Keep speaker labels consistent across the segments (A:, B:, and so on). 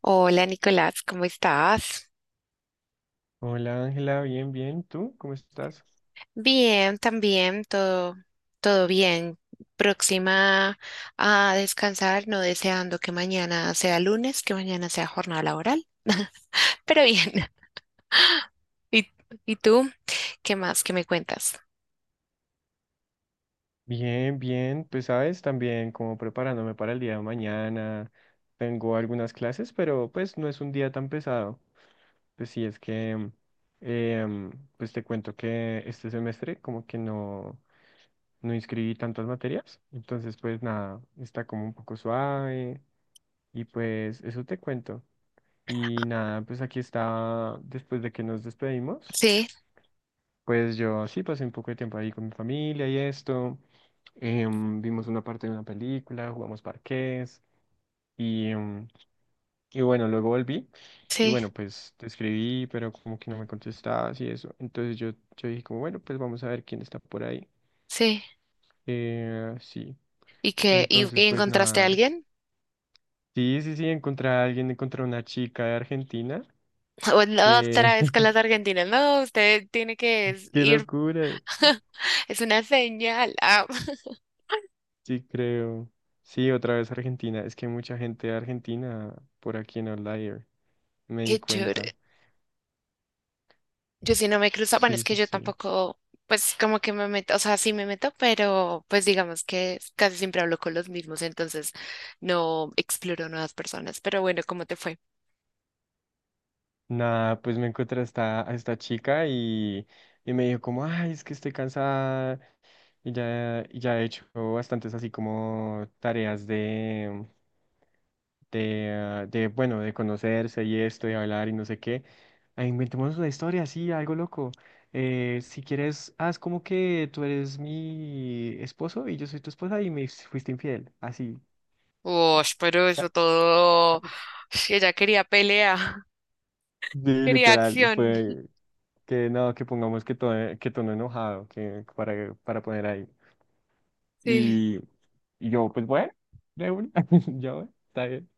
A: Hola Nicolás, ¿cómo estás?
B: Hola Ángela, bien, bien. ¿Tú cómo estás?
A: Bien, también, todo, todo bien. Próxima a descansar, no deseando que mañana sea lunes, que mañana sea jornada laboral, pero bien. ¿Y, y tú? ¿Qué más que me cuentas?
B: Bien, bien. Pues sabes, también como preparándome para el día de mañana. Tengo algunas clases, pero pues no es un día tan pesado. Pues sí, es que, em, pues te cuento que este semestre como que no, no inscribí tantas materias. Entonces, pues nada, está como un poco suave. Y pues eso te cuento. Y nada, pues aquí está después de que nos despedimos.
A: Sí,
B: Pues yo sí pasé un poco de tiempo ahí con mi familia y esto. Vimos una parte de una película, jugamos parqués y, em, y bueno, luego volví y
A: sí,
B: bueno, pues te escribí, pero como que no me contestabas y eso. Entonces yo dije como, bueno, pues vamos a ver quién está por ahí.
A: sí.
B: Eh, sí,
A: ¿Y qué? ¿Y,
B: entonces
A: y
B: pues
A: encontraste a
B: nada.
A: alguien?
B: Sí, sí, sí, encontré a alguien, encontré a una chica de Argentina.
A: O la
B: Que
A: otra vez con las argentinas. No, usted tiene que
B: ¡qué
A: ir.
B: locura!
A: Es una señal. Ah,
B: Sí, creo. Sí, otra vez Argentina. Es que hay mucha gente de Argentina por aquí en Outlier. Me di
A: qué chévere.
B: cuenta.
A: Yo sí no me cruzo, bueno,
B: Sí,
A: es que
B: sí,
A: yo
B: sí.
A: tampoco, pues como que me meto, o sea, sí me meto, pero pues digamos que casi siempre hablo con los mismos, entonces no exploro nuevas personas. Pero bueno, ¿cómo te fue?
B: Nada, pues me encontré a esta chica y me dijo como, ay, es que estoy cansada y ya he hecho bastantes así como tareas de, bueno, de conocerse y esto, y hablar y no sé qué. Ah, inventemos una historia, así algo loco. Si quieres, haz como que tú eres mi esposo y yo soy tu esposa y me fuiste infiel, así.
A: Uy, pero eso todo. Ush, ella quería pelea,
B: Sí,
A: quería
B: literal, y
A: acción.
B: fue que no, que pongamos que tono enojado, que para poner ahí.
A: Sí.
B: Y, y yo, pues bueno, de una, yo, está bien,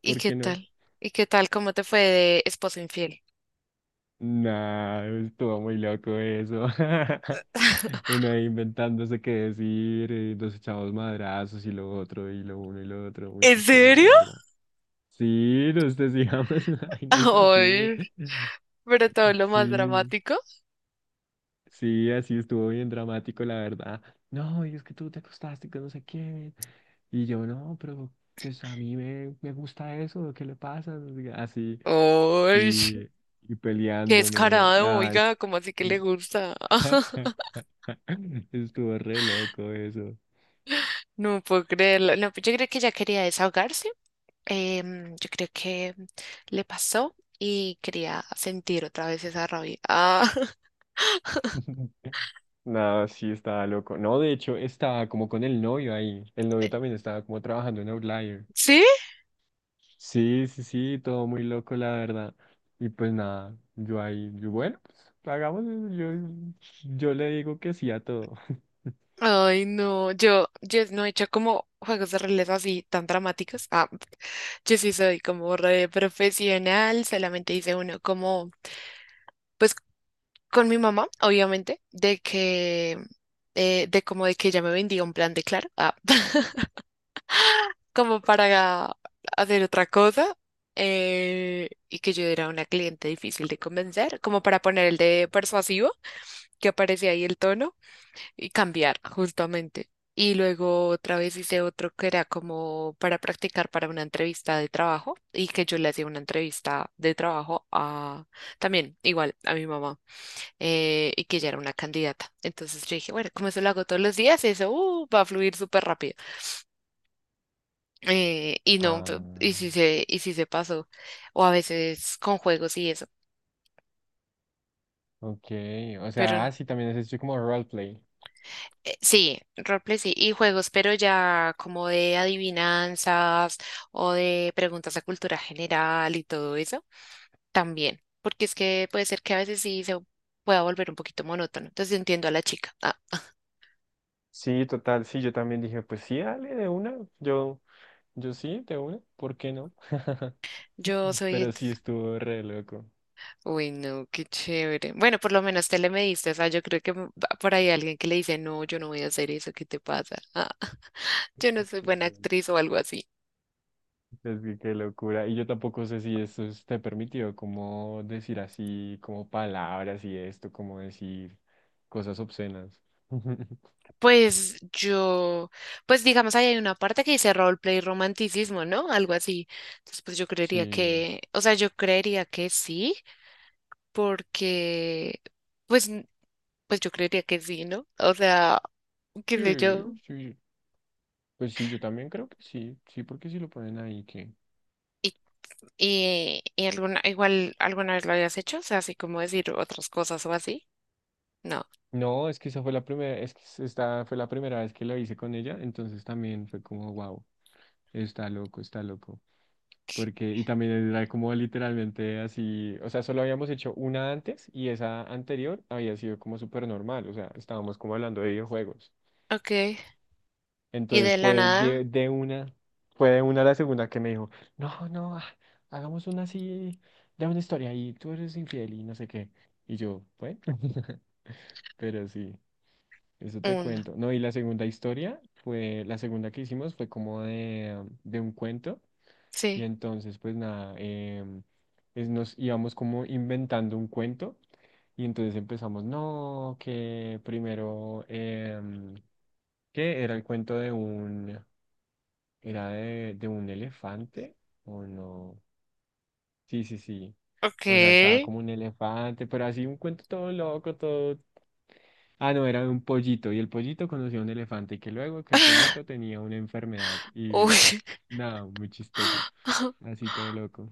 A: ¿Y
B: ¿por
A: qué
B: qué no?
A: tal? ¿Y qué tal? ¿Cómo te fue de esposo infiel?
B: Nah, estuvo muy loco eso. Uno ahí inventándose qué decir, nos echamos madrazos y lo otro, y lo uno y lo otro, muy
A: ¿En
B: chistoso, la
A: serio?
B: verdad. Sí, nos decíamos vainas así.
A: Ay, pero todo lo más
B: Sí,
A: dramático.
B: sí, así estuvo bien dramático, la verdad. No, y es que tú te acostaste con no sé quién. Y yo, no, pero pues a mí me gusta eso, ¿qué le pasa? No sé qué, así,
A: Ay,
B: y, y
A: qué
B: peleándome.
A: descarado,
B: Nada, es.
A: oiga, ¿cómo así que le gusta?
B: Estuvo re loco eso.
A: No puedo creerlo. No, pues yo creo que ella quería desahogarse. Yo creo que le pasó y quería sentir otra vez esa rabia. Ah,
B: Nada, sí, estaba loco. No, de hecho, estaba como con el novio ahí. El novio también estaba como trabajando en Outlier.
A: ¿sí?
B: Sí, sí, sí, todo muy loco, la verdad. Y pues nada, yo ahí, yo, bueno, pues hagamos eso. Yo le digo que sí a todo.
A: Ay, no. Yo no he hecho como juegos de roles así tan dramáticos. Ah, yo sí soy como re profesional. Solamente hice uno como, pues con mi mamá, obviamente, de que, de como de que ella me vendía un plan de Claro. Ah. Como para hacer otra cosa. Y que yo era una cliente difícil de convencer, como para poner el de persuasivo, que aparecía ahí el tono y cambiar justamente. Y luego otra vez hice otro que era como para practicar para una entrevista de trabajo y que yo le hacía una entrevista de trabajo a, también, igual, a mi mamá. Y que ella era una candidata. Entonces yo dije, bueno, como eso lo hago todos los días, eso va a fluir súper rápido. Y no,
B: Ah,
A: y si se pasó, o a veces con juegos y eso,
B: ok. O
A: pero
B: sea, ah, sí, también es esto como roleplay.
A: sí, roleplay sí, y juegos, pero ya como de adivinanzas o de preguntas de cultura general y todo eso, también, porque es que puede ser que a veces sí se pueda volver un poquito monótono, entonces entiendo a la chica. Ah,
B: Sí, total, sí, yo también dije, pues sí, dale de una. Yo. Yo sí, de una, ¿por qué no?
A: yo soy
B: Pero sí
A: entonces,
B: estuvo re loco.
A: uy, no, qué chévere. Bueno, por lo menos te le mediste, o sea, yo creo que va por ahí alguien que le dice, no, yo no voy a hacer eso, ¿qué te pasa? Ah, yo no soy buena
B: Ujú.
A: actriz o algo así.
B: Es que qué locura. Y yo tampoco sé si eso esté permitido, como decir así, como palabras y esto, como decir cosas obscenas.
A: Pues yo, pues digamos, ahí hay una parte que dice roleplay romanticismo, ¿no? Algo así. Entonces, pues yo creería
B: Sí,
A: que, o sea, yo creería que sí, porque, pues, pues yo creería que sí, ¿no? O sea, qué
B: sí,
A: sé yo.
B: sí. Pues sí, yo también creo que sí, sí, porque si lo ponen ahí que...
A: Y, y alguna, igual alguna vez lo habías hecho, o sea, así como decir otras cosas o así. No.
B: No, es que esa fue la primera, es que s- esta fue la primera vez que lo hice con ella, entonces también fue como, wow, está loco, está loco. Porque, y también era como literalmente así, o sea, solo habíamos hecho una antes y esa anterior había sido como súper normal, o sea, estábamos como hablando de videojuegos.
A: Ok. Y de
B: Entonces
A: la
B: fue de,
A: nada,
B: de una, fue de una a la segunda que me dijo, no, no, hagamos una así, de una historia y tú eres infiel y no sé qué. Y yo, bueno, pero sí. Eso te
A: un.
B: cuento. No, y la segunda historia fue, la segunda que hicimos fue como de un cuento. Y
A: Sí.
B: entonces, pues nada, nos íbamos como inventando un cuento. Y entonces empezamos, no, que primero, que era el cuento de un elefante, o no. Sí, sí, sí.
A: Ok.
B: O sea, estaba como un elefante, pero así un cuento todo loco, todo... Ah, no, era de un pollito y el pollito conoció a un elefante y que luego que el pollito tenía una enfermedad y
A: Uy.
B: nada, muy chistoso, así todo loco.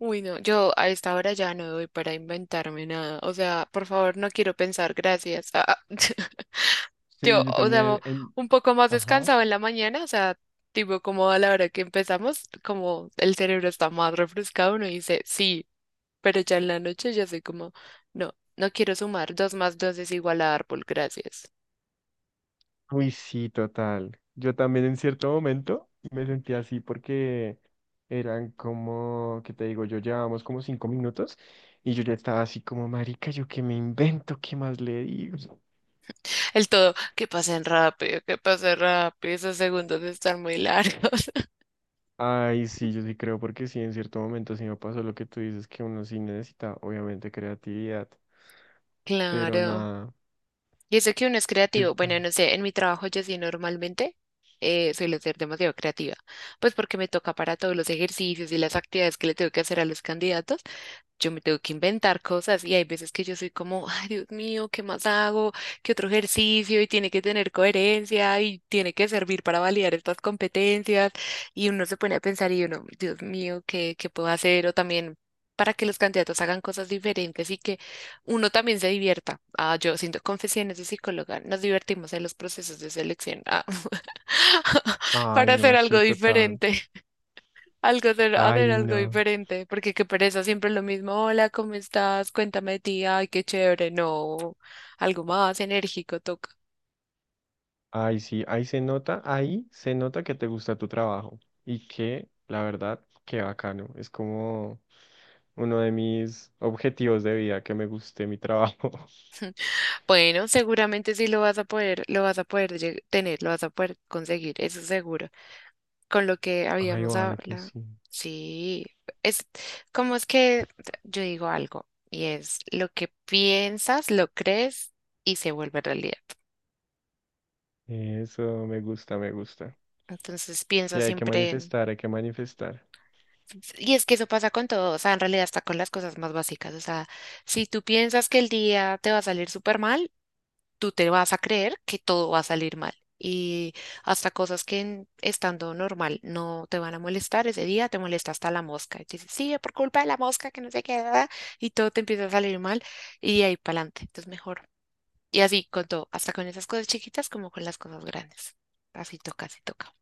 A: Uy, no, yo a esta hora ya no doy para inventarme nada. O sea, por favor, no quiero pensar, gracias. Ah,
B: Sí,
A: yo,
B: yo
A: o sea,
B: también en...
A: un poco más
B: Ajá.
A: descansado en la mañana, o sea, tipo como a la hora que empezamos, como el cerebro está más refrescado, uno dice sí, pero ya en la noche ya soy como, no, no quiero sumar, dos más dos es igual a árbol, gracias.
B: Uy, sí, total. Yo también en cierto momento me sentí así porque eran como, ¿qué te digo? Yo llevábamos como 5 minutos y yo ya estaba así como, marica, ¿yo qué me invento? ¿Qué más le digo?
A: El todo, que pasen rápido, esos segundos están muy largos.
B: Ay, sí, yo sí creo, porque sí, en cierto momento sí me pasó lo que tú dices, que uno sí necesita, obviamente, creatividad, pero
A: Claro.
B: nada,
A: Y eso que uno es creativo,
B: pues
A: bueno,
B: bueno.
A: no sé, en mi trabajo yo sí normalmente suelo ser demasiado creativa, pues porque me toca para todos los ejercicios y las actividades que le tengo que hacer a los candidatos, yo me tengo que inventar cosas y hay veces que yo soy como, ay, Dios mío, ¿qué más hago? ¿Qué otro ejercicio? Y tiene que tener coherencia y tiene que servir para validar estas competencias. Y uno se pone a pensar y uno, Dios mío, ¿qué puedo hacer? O también para que los candidatos hagan cosas diferentes y que uno también se divierta. Ah, yo siento confesiones de psicóloga, nos divertimos en los procesos de selección. Ah,
B: Ay,
A: para hacer
B: no,
A: algo
B: sí, total.
A: diferente. Algo de, hacer
B: Ay,
A: algo
B: no.
A: diferente, porque qué pereza, siempre lo mismo. Hola, ¿cómo estás? Cuéntame de ti. Ay, qué chévere. No, algo más enérgico toca.
B: Ay, sí, ahí se nota que te gusta tu trabajo y que, la verdad, qué bacano. Es como uno de mis objetivos de vida, que me guste mi trabajo.
A: Bueno, seguramente sí lo vas a poder, lo vas a poder tener, lo vas a poder conseguir, eso seguro. Con lo que
B: Ay,
A: habíamos
B: ojalá que
A: hablado.
B: sí.
A: Sí, es como es que yo digo algo y es lo que piensas, lo crees y se vuelve realidad.
B: Eso me gusta, me gusta.
A: Entonces
B: Sí,
A: piensa
B: hay que
A: siempre en...
B: manifestar, hay que manifestar.
A: Y es que eso pasa con todo, o sea, en realidad hasta con las cosas más básicas, o sea, si tú piensas que el día te va a salir súper mal, tú te vas a creer que todo va a salir mal. Y hasta cosas que estando normal no te van a molestar, ese día te molesta hasta la mosca. Y te dices, sí, por culpa de la mosca que no se queda, y todo te empieza a salir mal, y de ahí para adelante, entonces mejor. Y así con todo, hasta con esas cosas chiquitas como con las cosas grandes. Así toca, así toca.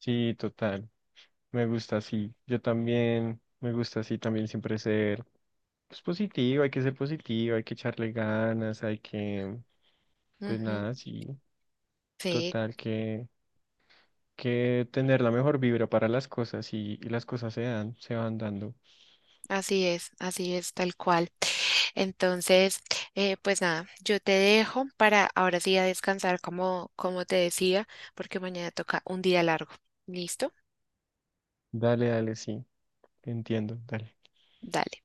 B: Sí, total. Me gusta así. Yo también me gusta así también siempre ser pues, positivo, hay que ser positivo, hay que echarle ganas, hay que, pues
A: Ujú.
B: nada, sí.
A: Sí,
B: Total, que tener la mejor vibra para las cosas y las cosas se dan, se van dando.
A: así es, tal cual. Entonces, pues nada, yo te dejo para ahora sí a descansar como, como te decía, porque mañana toca un día largo. ¿Listo?
B: Dale, dale, sí. Entiendo, dale.
A: Dale.